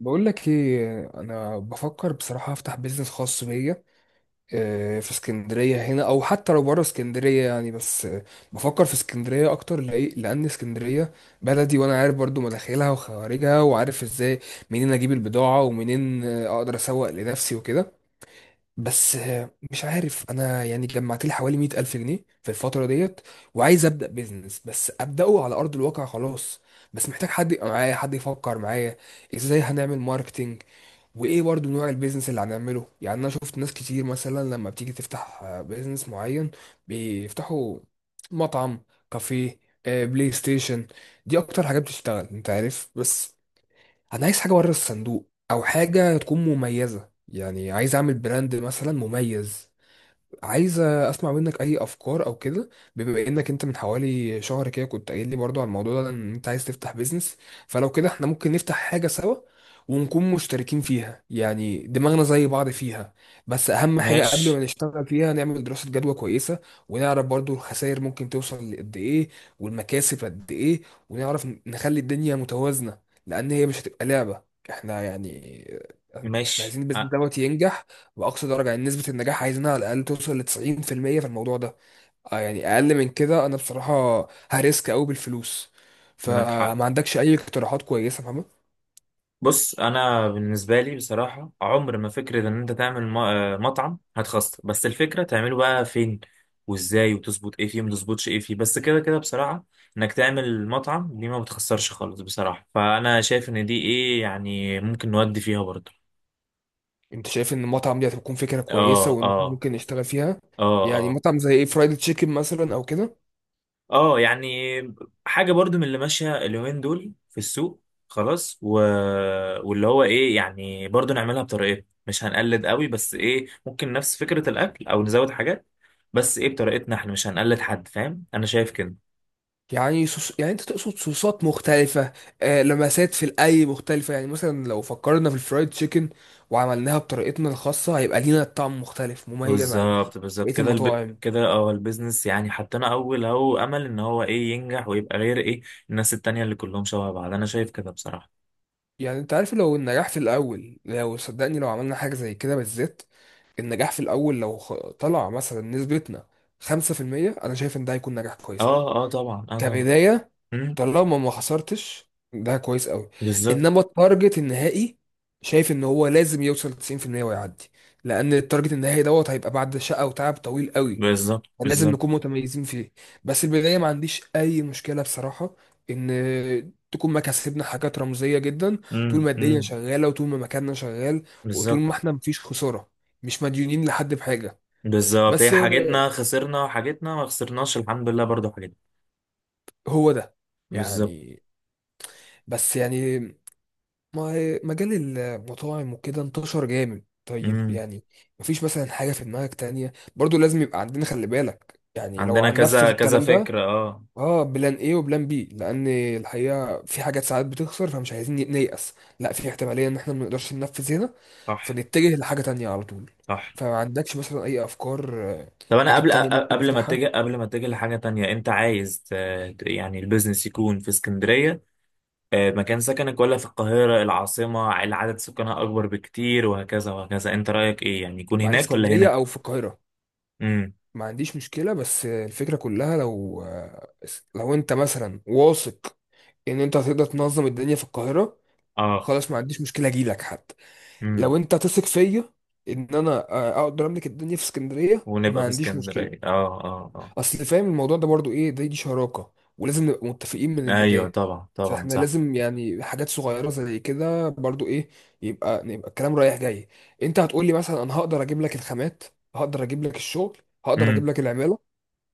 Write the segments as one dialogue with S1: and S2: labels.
S1: بقول لك ايه، انا بفكر بصراحه افتح بيزنس خاص بيا. في اسكندريه هنا او حتى لو بره اسكندريه يعني. بس آه، بفكر في اسكندريه اكتر لان اسكندريه بلدي، وانا عارف برضو مداخلها وخوارجها، وعارف ازاي منين اجيب البضاعه ومنين اقدر اسوق لنفسي وكده. بس آه، مش عارف انا يعني، جمعت لي حوالي 100000 ألف جنيه في الفتره ديت، وعايز ابدا بيزنس، بس ابداه على ارض الواقع خلاص. بس محتاج حد يبقى معايا، حد يفكر معايا ازاي هنعمل ماركتينج، وايه برضو نوع البيزنس اللي هنعمله. يعني انا شفت ناس كتير مثلا لما بتيجي تفتح بيزنس معين، بيفتحوا مطعم، كافيه، بلاي ستيشن. دي اكتر حاجات بتشتغل، انت عارف. بس انا عايز حاجه بره الصندوق، او حاجه تكون مميزه، يعني عايز اعمل براند مثلا مميز. عايز اسمع منك اي افكار او كده، بما انك انت من حوالي شهر كده كنت قايل لي برضو على الموضوع ده ان انت عايز تفتح بيزنس. فلو كده احنا ممكن نفتح حاجة سوا، ونكون مشتركين فيها، يعني دماغنا زي بعض فيها. بس اهم حاجة قبل ما
S2: ماشي
S1: نشتغل فيها نعمل دراسة جدوى كويسة، ونعرف برضو الخسائر ممكن توصل لقد ايه والمكاسب قد ايه، ونعرف نخلي الدنيا متوازنة، لان هي مش هتبقى لعبة احنا يعني. احنا
S2: ماشي
S1: عايزين البيزنس
S2: آه،
S1: دوت ينجح بأقصى درجة، يعني نسبة النجاح عايزينها على الأقل توصل ل90% في الموضوع ده. آه، يعني أقل من كده أنا بصراحة هريسك أوي بالفلوس،
S2: معك حق.
S1: فما عندكش أي اقتراحات كويسة فاهمة؟
S2: بص، انا بالنسبه لي بصراحه عمر ما فكره ان انت تعمل مطعم هتخسر، بس الفكره تعمله بقى فين وازاي، وتظبط ايه فيه وما تظبطش ايه فيه، بس كده كده بصراحه. انك تعمل مطعم دي ما بتخسرش خالص بصراحه، فانا شايف ان دي ايه يعني، ممكن نودي فيها برضه.
S1: أنت شايف إن المطعم دي هتكون فكرة كويسة
S2: اه
S1: وإن إحنا
S2: اه
S1: ممكن نشتغل فيها؟
S2: اه
S1: يعني
S2: آه.
S1: مطعم زي إيه، فرايد تشيكن مثلا أو كده؟
S2: اه يعني حاجة برضو من اللي ماشية اليومين دول في السوق. خلاص واللي هو ايه، يعني برضو نعملها بطريقتنا، مش هنقلد قوي، بس ايه، ممكن نفس فكرة الاكل او نزود حاجات، بس ايه بطريقتنا احنا، مش هنقلد حد، فاهم؟ انا شايف كده.
S1: يعني صوص، يعني أنت تقصد صوصات مختلفة، آه، لمسات في الأي مختلفة. يعني مثلا لو فكرنا في الفرايد تشيكن وعملناها بطريقتنا الخاصة هيبقى لينا طعم مختلف مميز عن
S2: بالظبط بالظبط
S1: بقية
S2: كده
S1: المطاعم.
S2: كده اه البيزنس، يعني حطينا اول اهو امل ان هو ايه، ينجح ويبقى غير ايه الناس التانية اللي كلهم شبه بعض، انا شايف كده بصراحة.
S1: يعني انت عارف لو النجاح في الاول، لو صدقني لو عملنا حاجة زي كده بالذات، النجاح في الاول لو طلع مثلا نسبتنا 5%، انا شايف ان ده هيكون نجاح كويس قوي
S2: اه اه، طبعا اه طبعا.
S1: كبداية.
S2: مم،
S1: طالما ما خسرتش ده كويس قوي.
S2: بالظبط
S1: انما التارجت النهائي شايف ان هو لازم يوصل 90% ويعدي، لان التارجت النهائي دوت هيبقى بعد شقة وتعب طويل قوي،
S2: بالظبط
S1: لازم
S2: بالظبط
S1: نكون متميزين فيه. بس البداية ما عنديش أي مشكلة بصراحة إن تكون مكاسبنا حاجات رمزية جدا، طول ما الدنيا شغالة وطول ما مكاننا شغال وطول
S2: بالظبط
S1: ما إحنا مفيش خسارة، مش مديونين لحد بحاجة.
S2: بالظبط. هي
S1: بس
S2: حاجتنا خسرنا وحاجتنا ما خسرناش الحمد لله، برضو حاجتنا.
S1: هو ده
S2: بالظبط.
S1: يعني، بس يعني مجال المطاعم وكده انتشر جامد. طيب
S2: امم.
S1: يعني مفيش مثلا حاجة في دماغك تانية برضو لازم يبقى عندنا؟ خلي بالك يعني لو
S2: عندنا
S1: هننفذ
S2: كذا كذا
S1: الكلام ده.
S2: فكرة، اه.
S1: اه، بلان ايه وبلان بي، لان الحقيقه في حاجات ساعات بتخسر، فمش عايزين نيأس. لا، في احتماليه ان احنا ما نقدرش ننفذ هنا،
S2: صح
S1: فنتجه لحاجه تانية على طول.
S2: صح.
S1: فما عندكش مثلا اي افكار،
S2: طب انا قبل
S1: حاجات تانية
S2: أ-
S1: ممكن
S2: قبل ما
S1: نفتحها؟
S2: اتجه قبل ما اتجه لحاجة تانية، انت عايز يعني البيزنس يكون في اسكندرية، آه، مكان سكنك، ولا في القاهرة العاصمة اللي عدد سكانها اكبر بكتير وهكذا وهكذا؟ انت رأيك ايه، يعني يكون
S1: مع في
S2: هناك ولا
S1: اسكندريه
S2: هنا؟
S1: او في القاهره
S2: امم،
S1: ما عنديش مشكله، بس آه، الفكره كلها لو، لو انت مثلا واثق ان انت هتقدر تنظم الدنيا في القاهره،
S2: اه
S1: خلاص ما عنديش مشكله اجيلك حتى.
S2: امم.
S1: لو انت تثق فيا ان انا اقدر املك الدنيا في اسكندريه ما
S2: ونبقى في
S1: عنديش مشكله.
S2: اسكندرية، اه اه اه.
S1: اصل فاهم الموضوع ده برضو ايه، دي شراكه ولازم نبقى متفقين من
S2: ايوه
S1: البدايه.
S2: طبعا طبعا
S1: فاحنا
S2: صح.
S1: لازم يعني حاجات صغيره زي كده برضو، ايه، يبقى الكلام رايح جاي. انت هتقول لي مثلا انا هقدر اجيب لك الخامات، هقدر اجيب لك الشغل، هقدر
S2: امم.
S1: اجيب لك العماله،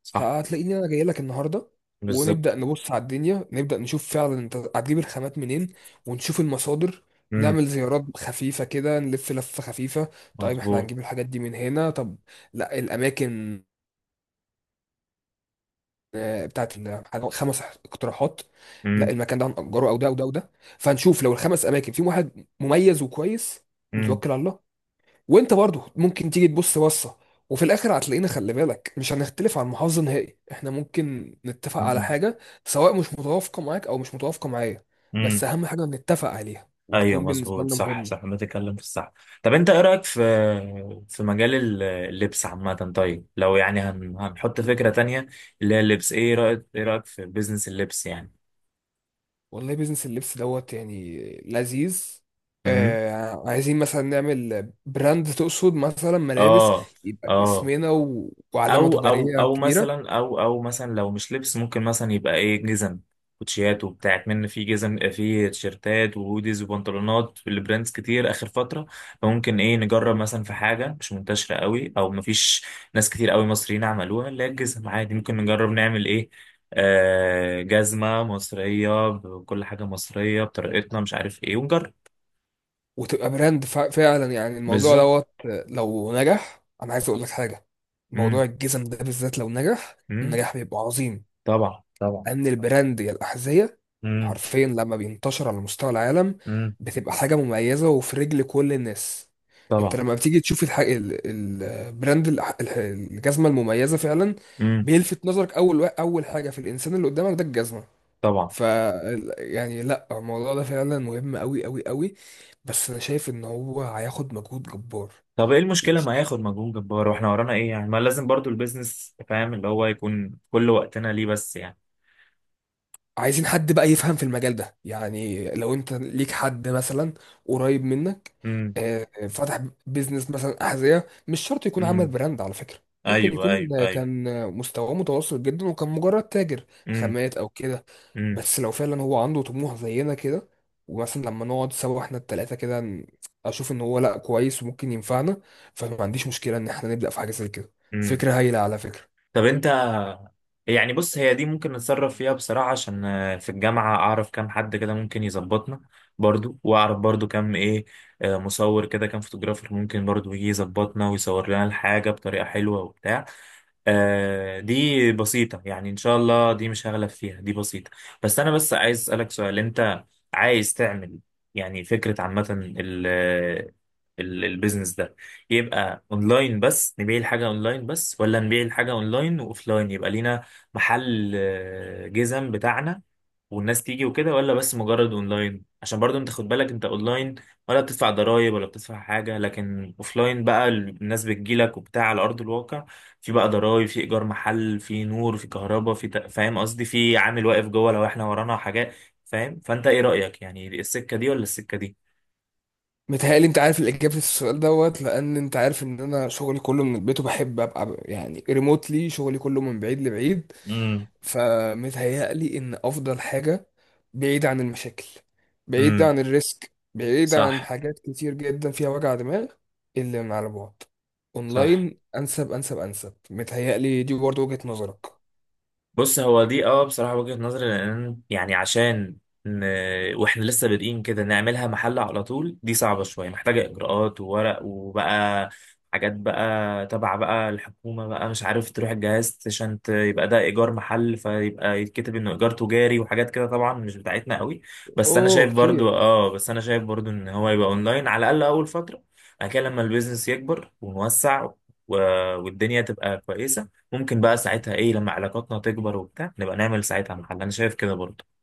S2: صح.
S1: هتلاقيني انا جاي لك النهارده. ونبدا
S2: بالظبط.
S1: نبص على الدنيا، نبدا نشوف فعلا انت هتجيب الخامات منين، ونشوف المصادر،
S2: امم.
S1: نعمل زيارات خفيفة كده، نلف لفة خفيفة. طيب احنا
S2: مظبوط.
S1: هنجيب الحاجات دي من هنا؟ طب لا، الأماكن بتاعت إن خمس اقتراحات، لا
S2: امم
S1: المكان ده هنأجره او ده او ده او ده. فهنشوف لو الخمس اماكن فيهم واحد مميز وكويس
S2: امم
S1: نتوكل على الله. وانت برضه ممكن تيجي تبص بصه، وفي الاخر هتلاقينا خلي بالك مش هنختلف عن محافظه نهائي، احنا ممكن نتفق على
S2: امم.
S1: حاجه سواء مش متوافقه معاك او مش متوافقه معايا.
S2: أمم.
S1: بس اهم حاجه نتفق عليها
S2: ايوه
S1: وتكون بالنسبه
S2: مظبوط،
S1: لنا
S2: صح صح،
S1: مهمه.
S2: ما تتكلم في الصح. طب انت ايه رايك في مجال اللبس عامه؟ طيب، لو يعني هنحط فكره تانية اللي هي اللبس، ايه رايك في بيزنس اللبس يعني؟
S1: والله بيزنس اللبس دوت يعني لذيذ.
S2: امم.
S1: آه، عايزين مثلا نعمل براند تقصد مثلا ملابس،
S2: اه
S1: يبقى
S2: اه.
S1: باسمنا وعلامة
S2: او او
S1: تجارية
S2: او
S1: كبيرة،
S2: مثلا او او مثلا لو مش لبس، ممكن مثلا يبقى ايه، جزم، كوتشيات وبتاع، من في جزم في تيشيرتات وهوديز وبنطلونات لبراندز كتير اخر فتره. فممكن ايه نجرب مثلا في حاجه مش منتشره قوي، او مفيش ناس كتير قوي مصريين عملوها، اللي هي الجزم عادي، ممكن نجرب نعمل ايه، آه، جزمه مصريه، بكل حاجه مصريه بطريقتنا، مش عارف ايه، ونجرب.
S1: وتبقى براند فعلا. يعني الموضوع
S2: بالظبط.
S1: دوت، لو نجح أنا عايز أقول لك حاجة، موضوع
S2: امم
S1: الجزم ده بالذات لو نجح
S2: امم.
S1: النجاح بيبقى عظيم،
S2: طبعا طبعا.
S1: ان البراند يا الاحذيه
S2: امم
S1: حرفيا لما بينتشر على مستوى العالم
S2: امم.
S1: بتبقى حاجه مميزه وفي رجل كل الناس. انت
S2: طبعا.
S1: لما بتيجي تشوف البراند، الجزمه المميزه فعلا،
S2: امم.
S1: بيلفت نظرك اول حاجه في الانسان اللي قدامك ده الجزمه.
S2: طبعا.
S1: ف يعني لا الموضوع ده فعلا مهم قوي قوي قوي، بس انا شايف ان هو هياخد مجهود جبار.
S2: طب ايه المشكلة ما ياخد مجهود جبار، واحنا ورانا ايه يعني؟ ما لازم برضو البيزنس، فاهم، اللي هو يكون كل وقتنا ليه، بس يعني.
S1: عايزين حد بقى يفهم في المجال ده، يعني لو انت ليك حد مثلا قريب منك
S2: امم
S1: فتح بيزنس مثلا أحذية، مش شرط يكون عمل
S2: امم.
S1: براند على فكرة، ممكن
S2: ايوه
S1: يكون
S2: ايوه ايوه.
S1: كان مستواه متوسط جدا وكان مجرد تاجر
S2: امم
S1: خامات او كده.
S2: امم
S1: بس لو فعلا هو عنده طموح زينا كده، ومثلا لما نقعد سوا احنا التلاتة كده اشوف ان هو لا كويس وممكن ينفعنا، فما عنديش مشكلة ان احنا نبدأ في حاجة زي كده.
S2: امم.
S1: فكرة هايلة على فكرة.
S2: طب انت، يعني بص، هي دي ممكن نتصرف فيها بصراحة، عشان آه، في الجامعة اعرف كام حد كده ممكن يظبطنا برضو، واعرف برضو كام ايه، آه، مصور كده، كام فوتوغرافر ممكن برضو يجي يظبطنا ويصور لنا الحاجة بطريقة حلوة وبتاع. آه دي بسيطة، يعني إن شاء الله دي مش هغلب فيها، دي بسيطة. بس أنا عايز أسألك سؤال. أنت عايز تعمل، يعني فكرة عامة، ال البيزنس ده يبقى اونلاين بس، نبيع الحاجة اونلاين بس، ولا نبيع الحاجة اونلاين واوفلاين، يبقى لينا محل، آه، جزم بتاعنا، والناس تيجي وكده؟ ولا بس مجرد اونلاين، عشان برضو انت خد بالك، انت اونلاين ولا بتدفع ضرائب ولا بتدفع حاجة، لكن اوفلاين بقى الناس بتجيلك وبتاع على ارض الواقع، في بقى ضرايب، في ايجار محل، في نور، في كهرباء، فاهم قصدي، في عامل واقف جوه، لو احنا ورانا حاجات، فاهم؟ فانت ايه رأيك، يعني السكة دي ولا السكة دي؟
S1: متهيألي انت عارف الإجابة في السؤال دوت، لأن انت عارف ان انا شغلي كله من البيت، وبحب ابقى يعني ريموتلي شغلي كله من بعيد لبعيد.
S2: امم
S1: فمتهيألي ان افضل حاجة بعيد عن المشاكل، بعيد
S2: امم.
S1: عن الريسك، بعيد عن
S2: صح
S1: حاجات كتير جدا فيها وجع دماغ، اللي من على بعد.
S2: صح.
S1: اونلاين انسب انسب انسب متهيألي، دي برضه وجهة نظرك.
S2: بص، هو دي اه بصراحة وجهة نظري، لأن يعني عشان ن... واحنا لسه بادئين كده، نعملها محل على طول دي صعبة شوية، محتاجة إجراءات وورق وبقى حاجات بقى تبع بقى الحكومة بقى، مش عارف، تروح الجهاز عشان يبقى ده إيجار محل، فيبقى يتكتب إنه إيجار تجاري، وحاجات كده طبعا مش بتاعتنا قوي. بس أنا
S1: اوه
S2: شايف برضو
S1: كتير.
S2: إن هو يبقى أونلاين على الأقل أول فترة. بعد كده لما البيزنس يكبر ونوسع و... والدنيا تبقى كويسة، ممكن بقى ساعتها ايه لما علاقاتنا تكبر وبتاع نبقى نعمل ساعتها محل، انا شايف كده برضه.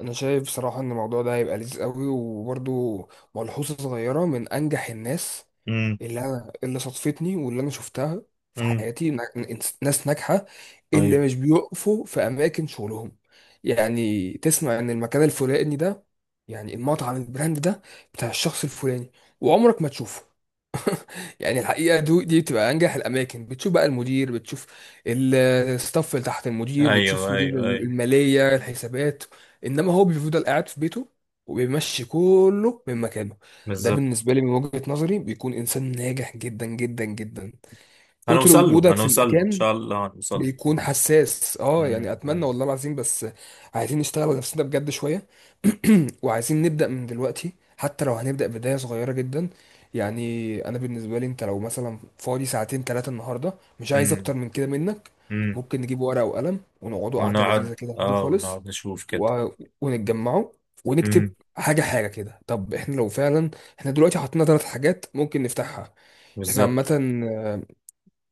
S1: انا شايف بصراحه ان الموضوع ده هيبقى لذيذ قوي. وبرضو ملحوظه صغيره، من انجح الناس
S2: امم
S1: اللي انا اللي صادفتني واللي انا شفتها في
S2: امم.
S1: حياتي، ناس ناجحه، اللي
S2: ايوه
S1: مش بيقفوا في اماكن شغلهم. يعني تسمع ان المكان الفلاني ده، يعني المطعم البراند ده، بتاع الشخص الفلاني، وعمرك ما تشوفه. يعني الحقيقه دي بتبقى انجح الاماكن. بتشوف بقى المدير، بتشوف ال- الستاف اللي تحت المدير، بتشوف
S2: ايوه
S1: مدير
S2: ايوه ايوه.
S1: الماليه الحسابات، انما هو بيفضل قاعد في بيته وبيمشي كله من مكانه. ده
S2: بالظبط.
S1: بالنسبه لي من وجهه نظري بيكون انسان ناجح جدا جدا جدا. كتر
S2: هنوصل له
S1: وجودك في
S2: هنوصل له ان
S1: المكان
S2: شاء الله هنوصل له.
S1: بيكون حساس. اه يعني
S2: مم،
S1: اتمنى
S2: مم،
S1: والله العظيم، بس عايزين نشتغل على نفسنا بجد شويه. وعايزين نبدا من دلوقتي، حتى لو هنبدا بدايه صغيره جدا. يعني انا بالنسبه لي انت لو مثلا فاضي ساعتين ثلاثه النهارده، مش عايز
S2: مم،
S1: اكتر من كده منك،
S2: مم.
S1: ممكن نجيب ورقه وقلم ونقعدوا قعده لذيذه
S2: ونقعد
S1: كده عادي
S2: اه
S1: خالص،
S2: ونقعد نشوف كده.
S1: و... ونتجمعوا ونكتب
S2: مم،
S1: حاجه حاجه كده. طب احنا لو فعلا، احنا دلوقتي حطينا ثلاث حاجات ممكن نفتحها. احنا
S2: بالظبط.
S1: عامه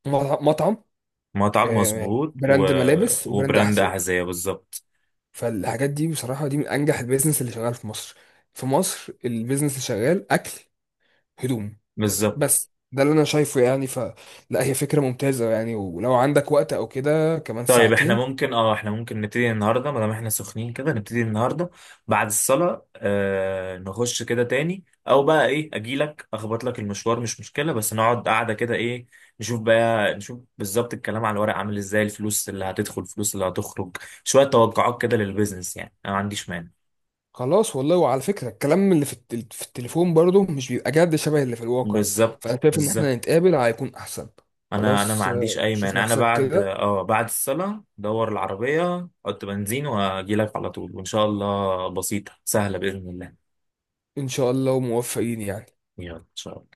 S1: مطعم،
S2: مطعم مظبوط
S1: براند ملابس وبراند
S2: وبراند
S1: احذيه.
S2: احذية، بالظبط
S1: فالحاجات دي بصراحه دي من انجح البيزنس اللي شغال في مصر. في مصر البيزنس اللي شغال اكل، هدوم.
S2: بالظبط.
S1: بس ده اللي انا شايفه يعني. فلا، هي فكره ممتازه يعني. ولو عندك وقت او كده كمان
S2: طيب، احنا
S1: ساعتين،
S2: ممكن نبتدي النهارده ما دام احنا سخنين كده، نبتدي النهارده بعد الصلاه، آه، نخش كده تاني، او بقى ايه، اجيلك اخبط لك المشوار مش مشكله، بس نقعد قاعده كده، ايه، نشوف بقى، نشوف بالظبط الكلام على الورق عامل ازاي، الفلوس اللي هتدخل، الفلوس اللي هتخرج، شويه توقعات كده للبيزنس، يعني انا ما عنديش مانع.
S1: خلاص والله. وعلى فكره الكلام اللي في التليفون برضه مش بيبقى جد شبه اللي في الواقع.
S2: بالظبط
S1: فانا شايف ان
S2: بالظبط.
S1: احنا نتقابل هيكون احسن.
S2: انا ما
S1: خلاص،
S2: عنديش اي
S1: شوف
S2: مانع، انا
S1: نفسك
S2: بعد
S1: كده.
S2: بعد الصلاه دور العربيه، حط بنزين، واجيلك على طول، وان شاء الله بسيطه سهله باذن الله.
S1: ان شاء الله وموفقين يعني.
S2: يلا سلام.